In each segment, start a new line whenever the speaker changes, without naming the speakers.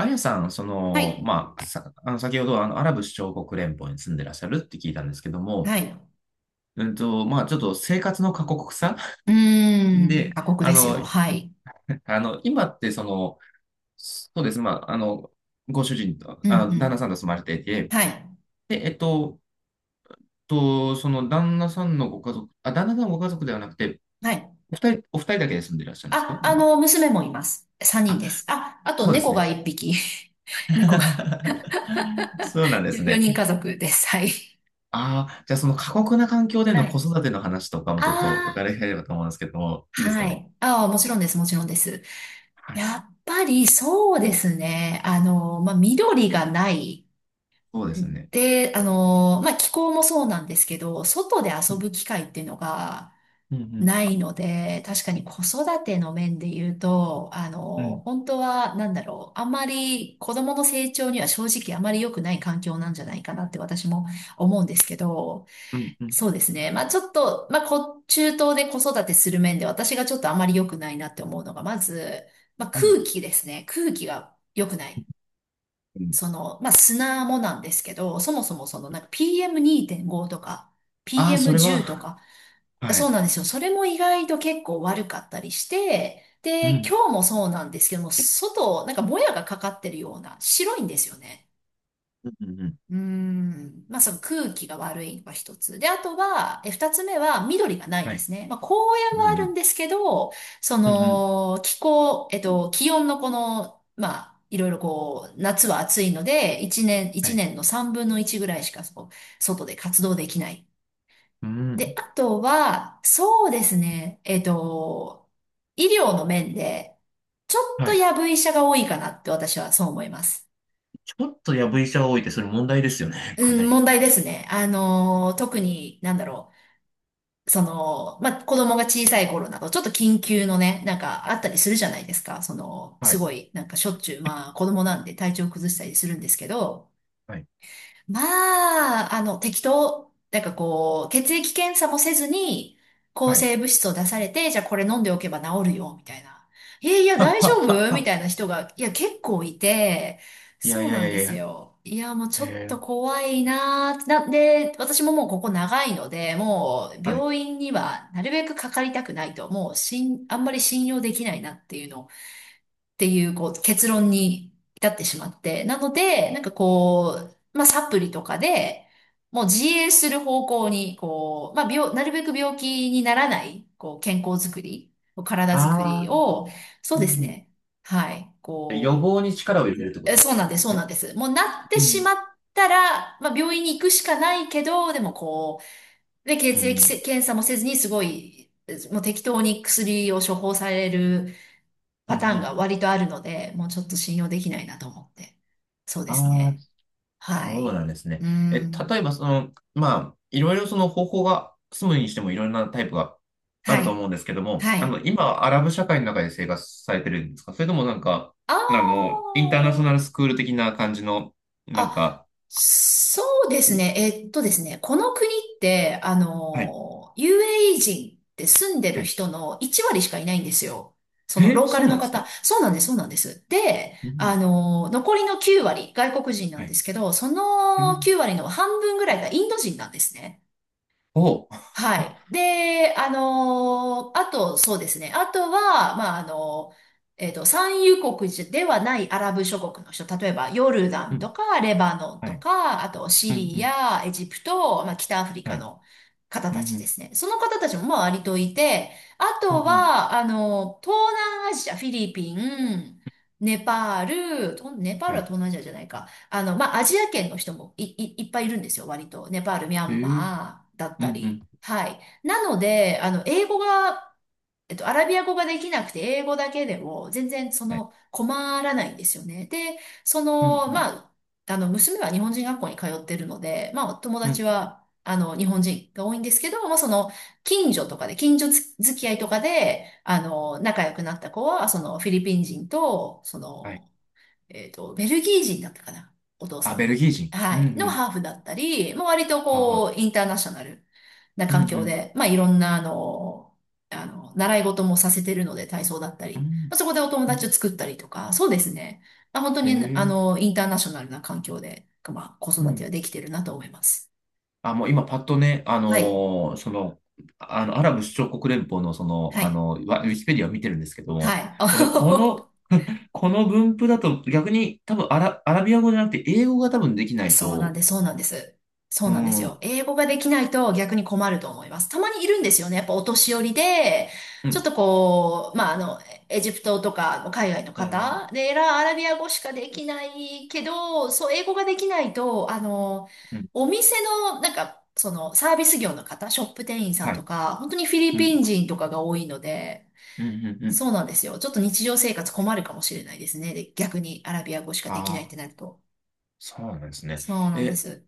あやさん、そ
は
の、
い。
まあ、さ、あの、先ほど、アラブ首長国連邦に住んでらっしゃるって聞いたんですけども、
はい。
まあ、ちょっと生活の過酷さ。
う ーん。
で、
過酷ですよ。はい。
今って、その、そうです、まあ、ご主人と、
うん、う
旦那さ
ん。
んと住まれていて、
はい。
で、その、旦那さんのご家族、あ、旦那さんのご家族ではなくて、
はい。
お二人だけで住んでいらっしゃるんですか
あ
今？
の、娘もいます。3人
あ、
です。あ、あと
そうです
猫
ね。
が1匹。猫が
そうなんです
4人
ね。
家族です。はい。
ああ、じゃあその過酷な環境で
は
の子
い。
育ての話とかも
あ
ちょっと
あ、
伺いたいればと思うんですけど、いいですか
は
ね？
い。ああ、もちろんです。もちろんです。
はい。
やっぱりそうですね。あの、まあ、緑がない。
そうですね。
で、あの、まあ、気候もそうなんですけど、外で
う
遊
ん、
ぶ機会っていうのが、
うん、
ないので、確かに子育ての面で言うと、あ
う
の、
ん、
本当は、なんだろう、あんまり子供の成長には正直あまり良くない環境なんじゃないかなって私も思うんですけど、
うん、うん、
そうですね。まあちょっと、まあこ、中東で子育てする面で私がちょっとあまり良くないなって思うのが、まず、まあ
うん。
空気ですね。空気が良くない。
うん、
その、まあ砂もなんですけど、そもそもそのなんか PM2.5 とか、
ああー、それ
PM10
は、
とか、
は
そう
い。
なんですよ。それも意外と結構悪かったりして、
う
で、
ん、
今日もそうなんですけども、外、なんかもやがかかってるような、白いんですよね。
うん、うん、うん。
うーん。まあ、その空気が悪いのが一つ。で、あとは、二つ目は緑がない
は
で
い。
すね。まあ、公園
う
はあるん
ん、
ですけど、そ
うん、うん、うん。
の、気候、気温のこの、まあ、いろいろこう、夏は暑いので、一年、
は
一
い。
年の三分の一ぐらいしか、そう、外で活動できない。
う
で、
ん、
あとは、そうですね。医療の面で、ちょっ
は
と
い。
やぶ医者が多いかなって私はそう思います。
ちょっとやぶ医者が多いってそれ問題ですよね、
う
かな
ん、
り。
問題ですね。あのー、特に、なんだろう。その、まあ、子供が小さい頃など、ちょっと緊急のね、なんかあったりするじゃないですか。その、
は
す
い、
ごい、なんかしょっちゅう、まあ、子供なんで体調崩したりするんですけど、
はい、
まあ、あの、適当、なんかこう、血液検査もせずに、抗
はい。
生物質を出されて、じゃあこれ飲んでおけば治るよ、みたいな。えいや、
は、は、
大丈夫み
は。
たいな人が、いや、結構いて、
いや
そ
い
う
や
な
い
ん
やい
で
やい
す
や。
よ。いや、もうちょっと
え
怖いなーってなんで、私ももうここ長いので、もう
はい。
病院にはなるべくかかりたくないと、もうしん、あんまり信用できないなっていうのをっていう、こう、結論に至ってしまって。なので、なんかこう、まあ、サプリとかで、もう自衛する方向に、こう、まあ、なるべく病気にならない、こう、健康づくり、体
あ
づくり
あ、
を、そう
うん、
です
うん。
ね。はい。
予
こう、
防に力を入れるってこと
そう
な
な
ん
ん
で
です、そ
す
うな
ね。
んです。もうなって
う
し
ん、
まったら、まあ、病院に行くしかないけど、でもこう、で、
う
血
ん、う
液せ
ん、
検査もせずに、すごい、もう適当に薬を処方される、
うん、
パ
う
ターン
ん、
が割とあるので、もうちょっと信用できないなと思って。そうです
ああ、
ね。は
そうなん
い。
ですね。
う
例
ん。
えば、その、まあ、いろいろその方法が、住むにしてもいろんなタイプがあ
は
ると思
い。
うんですけども、
はい。
今、アラブ社会の中で生活されてるんですかそれともなんか、
あ
インターナショナル
あ。
スクール的な感じの、なん
あ、
か、
そうですね。この国って、あ
はい、
の、UAE 人って住んで
は
る
い。
人の1割しかいないんですよ。その
え、
ローカ
そ
ル
うな
の
んです
方。
か？
そうなんです、そうなんです。で、
う
あ
ん、
の、残りの9割、外国人な
は
んで
い。
すけど、そ
え
の9割の半分ぐらいがインド人なんですね。
おう、
は い。で、あのーあと、そうですね。あとは、まあ、あの産油国ではないアラブ諸国の人、例えばヨルダ
う
ン
ん、
とかレバノン
は
と
い、
か、あとシ
うん、う
リ
ん、
ア、エジプト、まあ、北アフリ
は
カ
い、
の方
うん、
たち
う
で
ん、
すね。その方たちもまあ割といて、あ
うん、
と
うん、
は、あの、東南アジア、フィリピン、ネパール、とネパール
は
は
い。
東南アジアじゃないか。あの、まあ、アジア圏の人もいっぱいいるんですよ、割と。ネパール、ミャ
え
ン
ー、
マーだっ
うん、う
たり。
ん、
はい。なので、あの、英語が、アラビア語ができなくて、英語だけでも、全然、そ
はい、
の、困らないんですよね。で、そ
うん、
の、
う
ま
ん、
あ、あの、娘は日本人学校に通ってるので、まあ、友
う
達
ん、
は、あの、日本人が多いんですけど、まあ、その、近所付き合いとかで、あの、仲良くなった子は、その、フィリピン人と、そ
はい。
の、ベルギー人だったかな、お父
あ、
さ
ベ
ん。
ルギー人。う
は
ん、
い。
う
の
ん。
ハーフだったり、もう割とこ
は
う、インターナショナルな
い。うん、う
環境
ん、
で、まあいろんなあの、あの、習い事もさせてるので、体操だった
う
り、
ん。
まあ、そこでお友
うん、
達を作ったりとか、そうですね。まあ、本当
え
にあ
え、
の、インターナショナルな環境で、まあ子
う
育ては
ん。
できてるなと思います。
あ、もう今パッとね、
はい。
アラブ首長国連邦のそ
は
の、
い。
ウィキペディアを見てるんですけど
は
も、
い。
えっと、この、この分布だと逆に多分アラビア語じゃなくて英語が多分できない
そうなん
と、
です、そうなんです。そう
う
なんです
ん、う
よ。
ん、
英語ができないと逆に困ると思います。たまにいるんですよね。やっぱお年寄りで、ち
う
ょっとこう、まあ、あの、エジプトとか海外の
ん、
方で、ラアラビア語しかできないけど、そう、英語ができないと、あの、
うん、
お店の、なんか、その、サービス業の方、ショップ店員さん
は
と
い、
か、本当にフィリ
う
ピ
ん、
ン人とかが多いので、
うん、うん、うん。
そうなんですよ。ちょっと日常生活困るかもしれないですね。で、逆にアラビア語しかできないっ
あ
て
あ、
なると。
そうなんですね。
そうなんで
え、
す。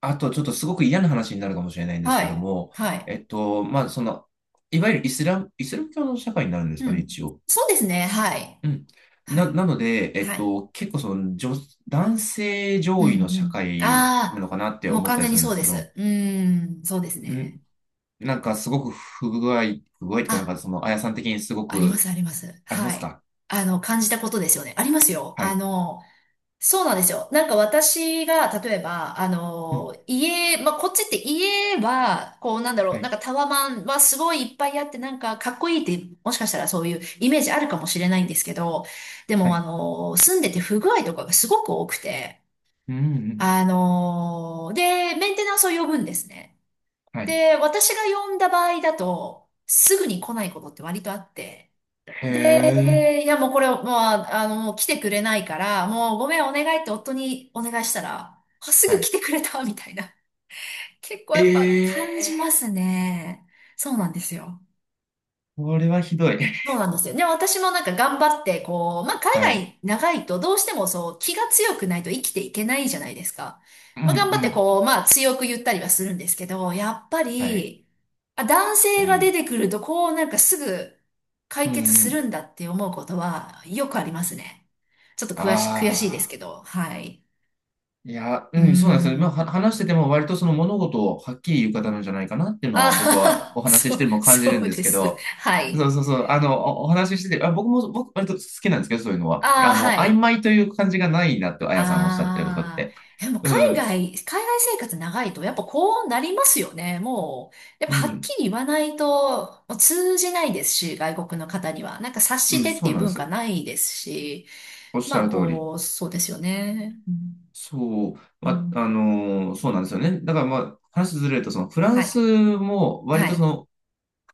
あと、ちょっとすごく嫌な話になるかもしれないんです
は
けど
い。
も、
はい。
まあ、その、いわゆるイスラム教の社会になるんですか
う
ね、
ん。
一応。
そうですね。はい。
うん。
はい。
なので、
はい。
結構その、男性
うん
上位の
う
社
ん。
会なの
あ
かなって
あ、もう
思っ
完
たり
全
す
に
るんで
そう
す
で
けど、
す。うーん、そうです
う
ね。
ん、なんかすごく不具合という
あ、
か、なんかその、あやさん的にすご
ありま
く
す、あります。
ありま
は
す
い。
か？
あの、感じたことですよね。ありますよ。
は
あ
い。
の、そうなんですよ。なんか私が、例えば、あ
う
の、
ん。
家、まあ、こっちって家は、こうなんだろ
は
う、なん
い。
かタワマンはすごいいっぱいあって、なんかかっこいいって、もしかしたらそういうイメージあるかもしれないんですけど、で
は
もあ
い。
の、住んでて不具合とかがすごく多くて、
うん、うん。
あの、で、メンテナンスを呼ぶんですね。
はい。
で、私が呼んだ場合だと、すぐに来ないことって割とあって、
へえ。
で、いやもうこれ、もう、ああの、もう来てくれないから、もうごめんお願いって夫にお願いしたら、あ、す
は
ぐ
い。
来てくれたみたいな。結構やっぱ感
え
じま
え
すね。そうなんですよ。
ー、これはひどい。
そう なんですよ。でも私もなんか頑張って、こう、まあ、海
はい。
外、長いとどうしてもそう、気が強くないと生きていけないじゃないですか。
うん、
まあ、頑
う
張って
ん。
こう、まあ、強く言ったりはするんですけど、やっぱ
はい。
り、あ、男
う
性が出
ん。
てくると、こう、なんかすぐ
う
解
ん、
決
う
する
ん。
んだって思うことはよくありますね。ちょっと
あ
悔しいですけ
あ。
ど、はい。
いや、
う
う
ー
ん、そうなんですよ。まあ、
ん。
話してても割とその物事をはっきり言う方なんじゃないかなっていうの
あ
は僕
は
は
は
お話し
そ
し
う、
ても感じる
そ
ん
う
です
で
け
す。
ど、
はい。
そうそうそう、お話ししてて、あ、僕割と好きなんですけど、そういうのは。
ああ、は
曖
い。
昧という感じがないなと、あやさんおっしゃってることっ
あ
て。
あ、でも
う
海
ん、
外、海外生活長いとやっぱこうなりますよね。もう、やっ
う
ぱはっ
ん、
きり言わないともう通じないですし、外国の方には。なんか察
う
し
ん、
てって
そ
い
う
う
なんで
文化
す。
ないですし、
おっしゃ
まあ
る通り。
こう、そうですよね。う
そう、
ん、う
まあ、
ん
そうなんですよね。だからまあ、話ずれると、そのフラン
は
ス
い。
も割
は
と
い。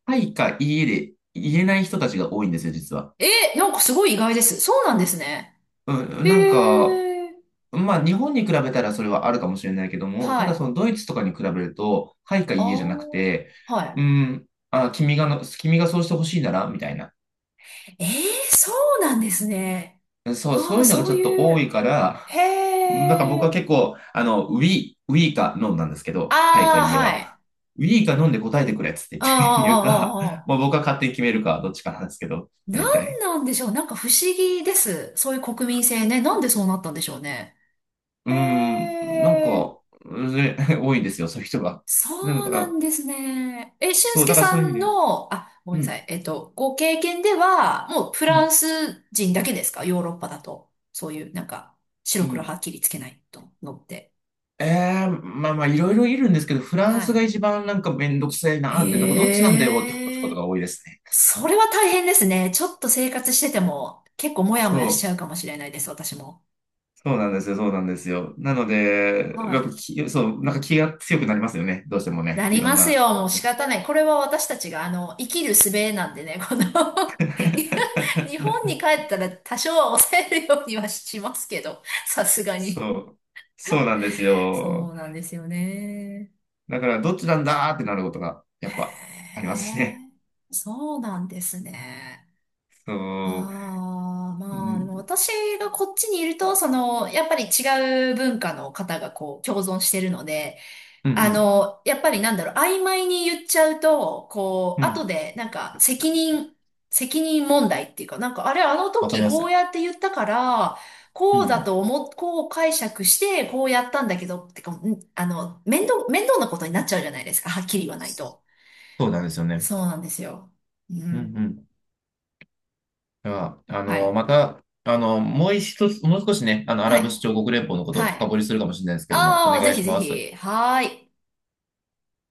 はいかいいえで言えない人たちが多いんですよ、実は。
えなんかすごい意外です。そうなんですね。
うん、なんか、
へえ、
まあ日本に比べたらそれはあるかもしれないけども、た
はい。
だその
あ
ドイツとかに比べると、はいかいいえじゃなく
あ、
て、う
は
ん、あ、君がそうしてほしいなら、みたいな。
い。そうなんですね。
そう、
あ
そう
あ、
いうのが
そ
ち
う
ょっと
い
多い
う。
から、
へ
なんか僕は
え。
結構、we, we か飲 o なんですけ
あ
ど、はいかい
あ、
いえ
は
は。
い。
ウィーか飲んで答えてくれっつって
ああ、
言って 言うか、
ああ、あ
まあ
あ。
僕は勝手に決めるか、どっちかなんですけど、
な
大
ん
体。
なんでしょう。なんか不思議です。そういう国民性ね。なんでそうなったんでしょうね。
うー
へ
ん、なん
え、
か、ぜ 多いですよ、そういう人が。だ
そう
か
なん
ら
ですね。俊
そう、
介
だから
さ
そういう意味
ん
で、
の、あ、ごめ
う
んなさ
ん、
い。ご経験では、もうフ
う
ラン
ん、
ス人だけですかヨーロッパだと。そういう、なんか、
う
白黒は
ん。
っきりつけないとのって。
まあまあ、いろいろいるんですけど、フランスが
は
一番なんかめんどくせえ
い。
なーって、なんかどっちなんだよって思う
へ
こと
え。
が多いですね。
それは大変ですね。ちょっと生活してても結構モヤモ
そ
ヤしちゃ
う、
うかもしれないです、私も。
そうなんですよ、そうなんですよ。なので、
は
やっぱ
い。
き、そう、なんか気が強くなりますよね、どうしても
な
ね、い
り
ろ
ま
ん
す
な。
よ、もう仕方ない。これは私たちが、あの、生きる術なんでね、この 日本に帰 ったら多少は抑えるようにはしますけど、さすがに。
そう、そうなんです
そ
よ。
うなんですよね。
だから、どっちなんだーってなることが、やっぱ、あり
へ
ますね。
え、そうなんですね。
そう。
ああ、
う
まあ、でも
ん、
私がこっちにいると、その、やっぱり違う文化の方がこう、共存してるので、
うん、う
あ
ん。
の、やっぱりなんだろう、曖昧に言っちゃうと、こ
う
う、後
ん、
で、なんか、責任問題っていうか、なんか、あれ、あの
わかり
時
ま
こ
す。
うやって言ったから、
う
こう
ん、う
だ
ん。
と思っ、こう解釈して、こうやったんだけど、ってか、んあの、面倒なことになっちゃうじゃないですか、はっきり言わないと。
そうなんですよね。
そうなんですよ。う
うん、う
ん。
ん。では、
はい。
また、もう一つ、もう少しね、ア
は
ラブ首
い。
長国連邦のことを
は
深
い。
掘りするかもしれないですけども、お
ああ、ぜ
願い
ひ
し
ぜ
ます。
ひ。はーい。